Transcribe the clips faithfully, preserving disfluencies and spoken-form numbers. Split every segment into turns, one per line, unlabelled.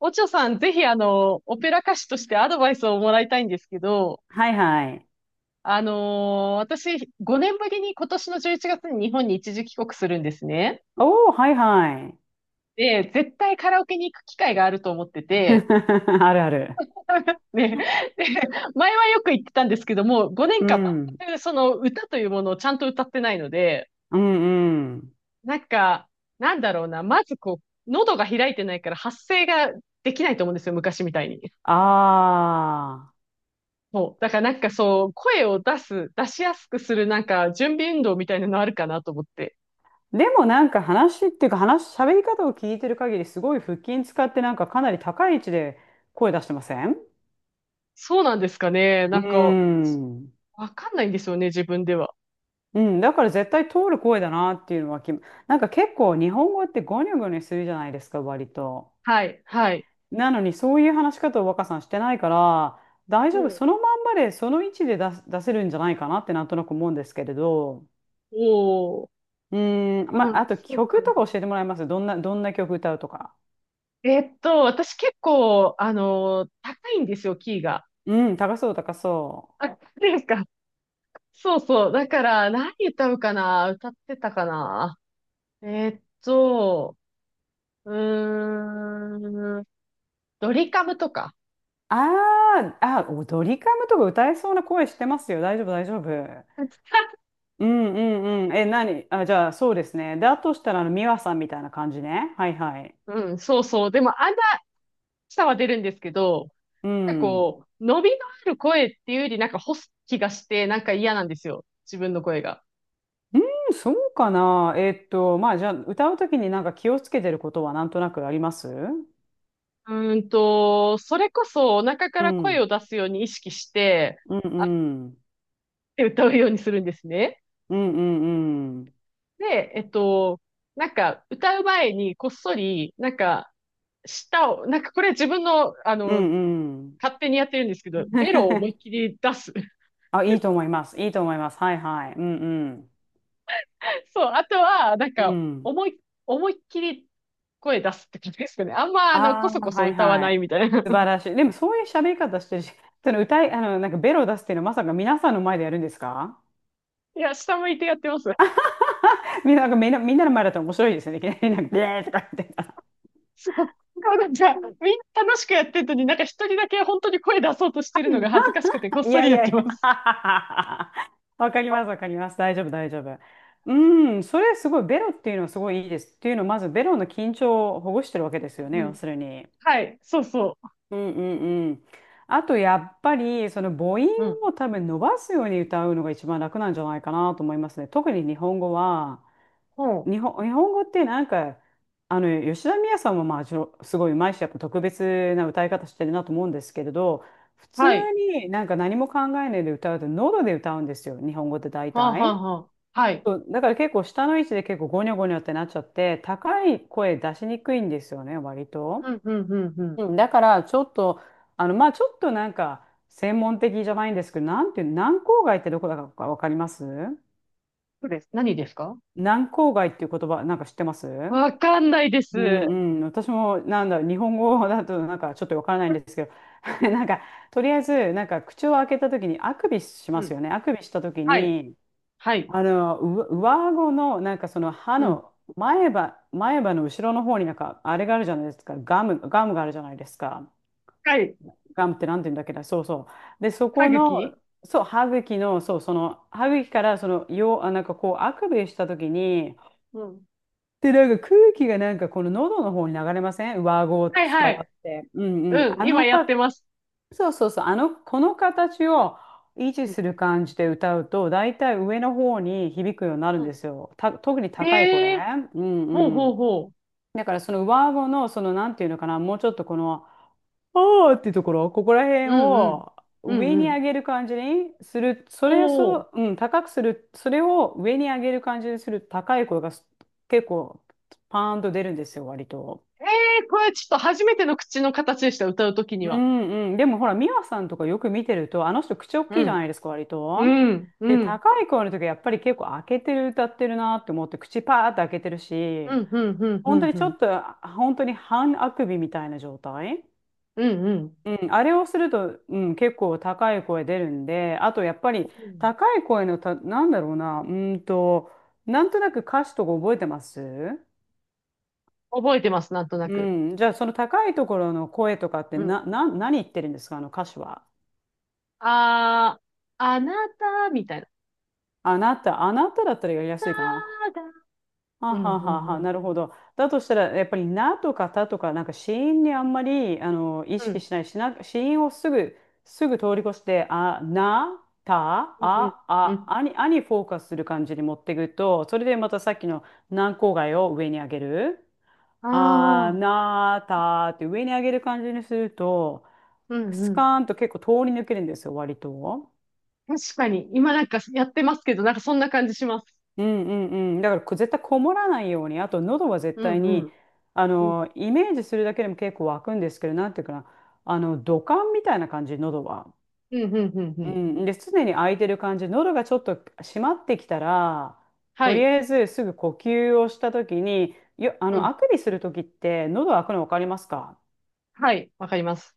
おちょさん、ぜひ、あの、オペラ歌手としてアドバイスをもらいたいんですけど、
はいはい。
あのー私、ごねんぶりに今年のじゅういちがつに日本に一時帰国するんですね。
おー、はいはい。
で、絶対カラオケに行く機会があると思ってて、
あるある。
ね、で、前はよく言ってたんですけども、5
う
年間
ん。
全くその歌というものをちゃんと歌ってないので、
うんうん。
なんか、なんだろうな、まずこう、喉が開いてないから発声ができないと思うんですよ、昔みたいに。
ああ。
そう。だからなんかそう、声を出す、出しやすくするなんか準備運動みたいなのあるかなと思って。
でもなんか話っていうか話、喋り方を聞いてる限りすごい腹筋使ってなんかかなり高い位置で声出してません？
そうなんですかね。
う
な
ー
んか、
ん。
わかんないんですよね、自分では。
うん、だから絶対通る声だなっていうのはき、なんか結構日本語ってゴニョゴニョするじゃないですか、割と。
はい、はい。
なのにそういう話し方を若さんしてないから大
う
丈夫、
ん。
そのまんまでその位置で出す、出せるんじゃないかなってなんとなく思うんですけれど。
おー。
うーん、まあ
あ、
あと
そうか
曲と
な。
か教えてもらえます？どんなどんな曲歌うとか。
えっと、私結構、あのー高いんですよ、キーが。
うん、高そう高そ
あ、
う。
ですか。そうそう。だから、何歌うかな、歌ってたかな。えっと、うーん、ドリカムとか。
あー、あお、ドリカムとか歌えそうな声してますよ。大丈夫、大丈夫。 うんうんうん、え、何、あ、じゃあそうですね。で、あとしたらあのミワさんみたいな感じね。はいはい、
うん、そうそう。でも、あんさは出るんですけど、
う
なんか
ん。
こう、伸びのある声っていうよりなんか干す気がして、なんか嫌なんですよ。自分の声が。
うーん、そうかな。えーっと、まあ、じゃあ、歌うときになんか気をつけてることはなんとなくあります？
うーんと、それこそお腹か
う
ら声
ん
を出すように意識して、
うん
あっ
うん
て歌うようにするんですね。
うんうんうん
で、えっと、なんか歌う前にこっそり、なんか、舌を、なんかこれ自分の、あ
う
の、
んうん。
勝手にやってるんですけど、ベ ロを思いっきり出す。
あ、いいと思います。いいと思います。はいはい。うん。
そう、あとは、なん
うん。う
か、
ん。
思い、思いっきり声出すって感じですかね。あんま、あの、こ
ああ、
そこそ
はい
歌わ
は
ない
い。
みたいな。
素晴 らしい。でも、そういう喋り方してるし、その歌い、あの、なんかベロを出すっていうのはまさか皆さんの前でやるんですか？
いや、下向いてやってます。
みんな、なんかみんな、みんなの前だったら面白いですよね。いきなりなんか、ビーとか言って。
そう。なんか、みんな楽しくやってるのに、なんか一人だけ本当に声出そうとしてるのが恥ずかしくて、こっ
い
そ
や
り
い
やっ
や
て
いや、
ま す。
あははは、わかります、わかります。大丈夫、大丈夫。うん、それすごい、ベロっていうのはすごいいいです。っていうのは、まずベロの緊張をほぐしてるわけですよね、
う
要
ん。
するに。
はい。そうそ
うんうんうん。あと、やっぱり、その母音
う。うん。
を多分伸ばすように歌うのが一番楽なんじゃないかなと思いますね。特に日本語は、
ほ
日
う。
本、日本語ってなんか、あの、吉田美也さんもまあ、ちょ、すごい上手いし、やっぱ特別な歌い方してるなと思うんですけれど、普通
はい。
になんか何も考えないで歌うと喉で歌うんですよ、日本語って大
はあ、はあ、
体。
はあ。はい。
そう、だから結構下の位置で結構ゴニョゴニョってなっちゃって、高い声出しにくいんですよね、割
う
と。
ん、うん、うん、うん。
うん、だからちょっと、あの、まあちょっとなんか専門的じゃないんですけど、なんていう、軟口外ってどこだかわかります？
そうです。何ですか？
軟口外っていう言葉、なんか知ってます？
わかんないです。
うんうん、私もなんだろう、日本語だとなんかちょっとわからないんですけど、なんかとりあえずなんか口を開けた時にあくびし
う
ます
ん。
よね。あくびした時
はい。
に、
はい。
あのう上顎のなんかその歯
うん。
の前歯、前歯の後ろの方になんかあれがあるじゃないですか。ガム、ガムがあるじゃないですか。
はい。
ガムってなんて言うんだっけな、そうそう。で、そ
歯
この、
茎。
そう、歯茎の、そう、その歯茎からその、よう、あなんかこうあくびした時に、
うん。
で、なんか空気がなんかこの喉の方に流れません？上顎伝
はいは
わっ
い。
て。うんうん。
うん、
あ
今
の
やって
か、
ます。
そうそうそう。あの、この形を維持
うん、
する感じで歌うと、だいたい上の方に響くようになる
う
んで
ん。
すよ。た、特に高い声。
ええ、
うん
ほう
う
ほ
ん。
うほ
だからその上顎の、そのなんていうのかな、もうちょっとこの、おーっていうところ、ここら辺
う。うんうん。
を
うん
上
う
に上
ん。
げる感じにする、それをそ
お
う、
ー。
うん、高くする、それを上に上げる感じにする高い声がす結構パーンと出るんですよ、割と。
ええ、これちょっと初めての口の形でした、歌うときに
う
は。
んうん。でもほら、ミワさんとかよく見てると、あの人口大きい
う
じゃない
ん。
ですか、割
う
と。
ん、う
で、
ん、
高い声の時はやっぱり結構開けてる、歌ってるなって思って、口パーって開けてる
う
し、
ん、うん、うん、うん、う
本当
ん、
に
う
ちょ
ん、
っと、本当に半あくびみたいな状態。
うん。
うん、あれをすると、うん、結構高い声出るんで、あとやっぱり高い声のた、なんだろうな、うーんと、なんとなく歌詞とか覚えてます？
覚えてます、なんとな
う
く。
ん、じゃあその高いところの声とかって
うん。
な、な、何言ってるんですか、あの歌詞は。
あー、あなた、みたいな。
あなた、あなただったらやりや
た
すいかな。
だ、
はあ
うん、
は
う
は
ん、う
は、
ん。
なるほど。だとしたら、やっぱり、なとかたとか、なんか、子音にあんまり、あの、意
う
識
ん、
しないしな、子音をすぐ、すぐ通り越して、あ、な、た、
うん、うん。
あ、
う
あ、
ん、
あに、あにフォーカスする感じに持っていくと、それでまたさっきの軟口蓋を上に上げる。あ、
ああ
な、たって上に上げる感じにすると、
ー、うん、
ス
うん。
カーンと結構通り抜けるんですよ、割と。
確かに、今なんかやってますけど、なんかそんな感じします。
うんうんうん。だからこ絶対こもらないように、あと喉は絶
う
対
ん、う
に、
ん。
あ
うん、
の、イメージするだけでも結構湧くんですけど、なんていうかな、あの、土管みたいな感じ、喉は。
うん、うん、うん、う
う
ん。
ん。で、常に開いてる感じ、喉がちょっと閉まってきたら、
は
とり
い。
あえずすぐ呼吸をしたときに、よ、あ
う
の、
ん。
あくびするときって、喉開くの分かりますか？
はい。わかります。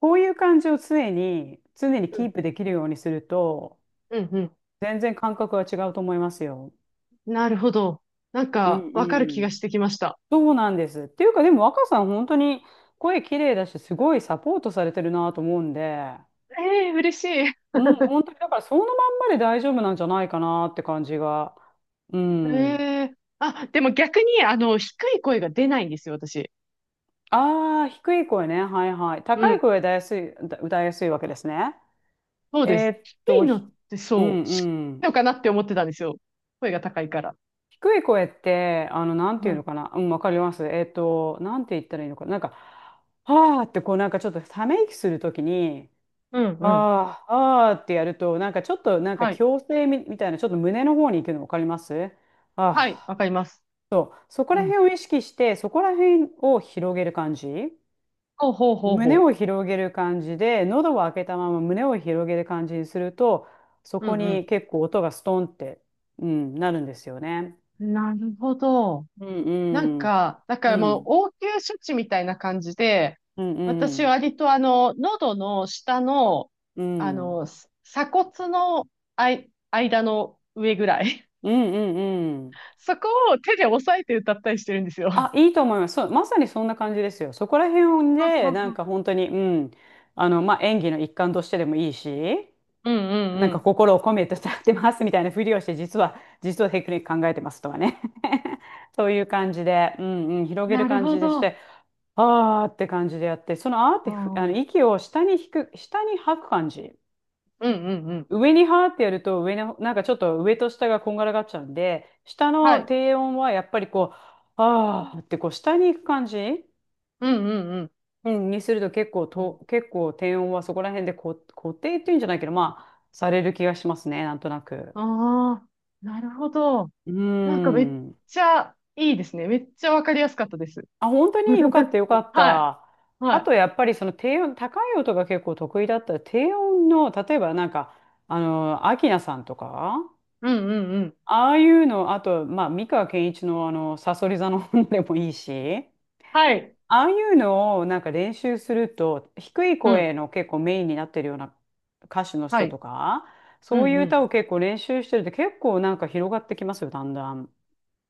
こういう感じを常に、常に
う
キ
ん、
ープできるようにすると、
うん、う
全然感覚は違うと思いますよ。
ん。なるほど。なん
うん
か、わかる
う
気が
ん。
してきました。
そうなんです。っていうか、でも若さん、本当に声綺麗だし、すごいサポートされてるなと思うんで、
ええ、嬉しい。
うん、本当にだからそのまんまで大丈夫なんじゃないかなって感じが。うん。
ええ、あ、でも逆に、あの、低い声が出ないんですよ、私。
ああ、低い声ね。はいはい。
う
高い
ん。
声は歌いやすい、歌歌いやすいわけですね。
そう
え
です。
ーっ
低
と、
いの
ひ
って
うん
そう、低
う
い
ん。
のかなって思ってたんですよ。声が高いから。
低い声って、あの、なんて
う
いうの
ん。
かな。うん、わかります。えーっと、なんて言ったらいいのかな。なんか、はーって、こう、なんかちょっとため息するときに、
うん、うん。
ああ、ああってやると、なんかちょっと、なんか
はい。
矯正み、みたいな、ちょっと胸の方に行くの分かります？
はい。
ああ、
わかります。
そう。そこ
う
ら
ん。
辺を意識して、そこら辺を広げる感じ。
ほうほうほう
胸
ほ
を広げる感じで、喉を開けたまま胸を広げる感じにすると、そ
う。う
こ
ん、
に結構音がストンって、うん、なるんですよね。
うん。なるほど。
うん
なん
うん。
か、だから
う
もう
ん。
応急処置みたいな感じで、
うんう
私
ん。
割とあの、喉の下の、
う
あ
ん。
の、す鎖骨のあい、間の上ぐらい。
うんうんうん。
そこを手で押さえて歌ったりしてるんですよ。は
あ、いいと思います。そう、まさにそんな感じですよ。そこら辺
は
で、なん
は。
か本当に、うん、あの、まあ、演技の一環としてでもいいし、
うんうん
なん
う
か
ん。
心を込めて歌ってますみたいなふりをして、実は、実はテクニック考えてますとかね。そういう感じで、うんうん、広げる
なる
感
ほ
じでし
ど。
て、あーって感じでやって、そのあーっ
う
てふ、
ん。う
あの、
ん
息を下に引く、下に吐く感じ。
うんうん。
上にはーってやると、上の、なんかちょっと上と下がこんがらがっちゃうんで、下
は
の
い。
低音はやっぱりこう、あーってこう下に行く感じ。
うんうん
うん、にすると結構
うん。
と、結構低音はそこら辺でこ固定っていうんじゃないけど、まあ、される気がしますね、なんとなく。
ああ、なるほど。
うー
なんかめっ
ん。
ちゃいいですね。めっちゃわかりやすかったです。
あ、本当によかっ たよかっ
はい。
た。
は
あ
い。
とやっぱりその低音、高い音が結構得意だったら、低音の、例えばなんか、あの、アキナさんとか、
うんうんうん。
ああいうの、あと、まあ、三川憲一のあの、さそり座の本でもいいし、
はい。
ああいうのをなんか練習すると、低い
うん。
声の結構メインになってるような歌手の
は
人
い。
とか、
う
そうい
んう
う
ん。
歌を結構練習してると結構なんか広がってきますよ、だんだん。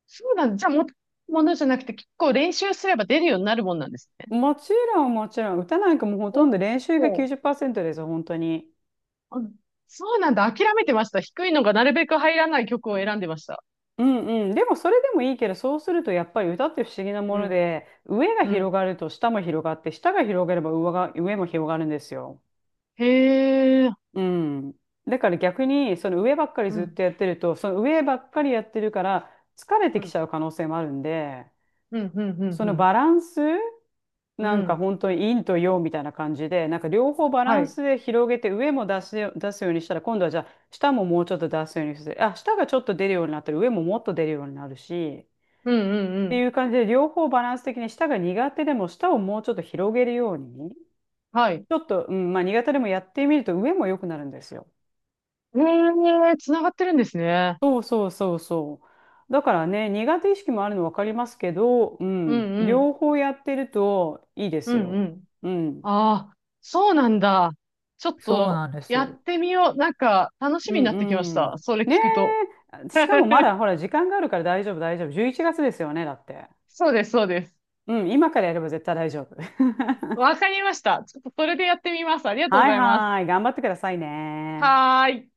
そうなんだ。じゃあ、もとものじゃなくて、結構練習すれば出るようになるもんなんですね。
もちろん、もちろん、歌なんかもうほと
お
んど練習が
お。
きゅうじゅうパーセントですよ、本当に。
あ、そうなんだ。諦めてました。低いのがなるべく入らない曲を選んでました。
うんうん。でもそれでもいいけど、そうするとやっぱり歌って不思議な
う
もの
ん。
で、上が
う
広
ん。
がると下も広がって、下が広がれば上が、上も広がるんですよ。
へえ。
うん。だから逆に、その上ばっかり
う
ずっ
ん。
とやってると、その上ばっかりやってるから、疲れ
う
てき
ん。
ちゃう可能性もあるんで、
うん。うん。うん。
そ
う
の
ん。
バランス、
う
なんか
ん、
本当に陰と陽みたいな感じで、なんか両方バラ
は
ン
い。
スで広げて、上も出すよ、出すようにしたら、今度はじゃあ、下ももうちょっと出すようにする。あ、下がちょっと出るようになったら、上ももっと出るようになるし、
うん。うん。
っ
う
て
ん。
いう感じで、両方バランス的に、下が苦手でも、下をもうちょっと広げるように、
はい。
ちょっと、うん、まあ苦手でもやってみると、上も良くなるんですよ。
へえ、つながってるんですね。
そうそうそうそう。だからね、苦手意識もあるの分かりますけど、う
う
ん、
ん。うん。
両方やってるといいで
う
す
ん。う
よ。
ん。
うん、
ああ、そうなんだ。ちょっ
そう
と
なんで
や
す。
ってみよう。なんか楽し
う
みになってきまし
んう
た。
ん。
それ
ね
聞くと。
え、しかもまだ ほら、時間があるから大丈夫、大丈夫。じゅういちがつですよね、だって。
そうです、そうです。
うん、今からやれば絶対大丈夫。
わかりました。ちょっとそれでやってみます。ありがとうご
はい
ざいます。
はい、頑張ってくださいね。
はーい。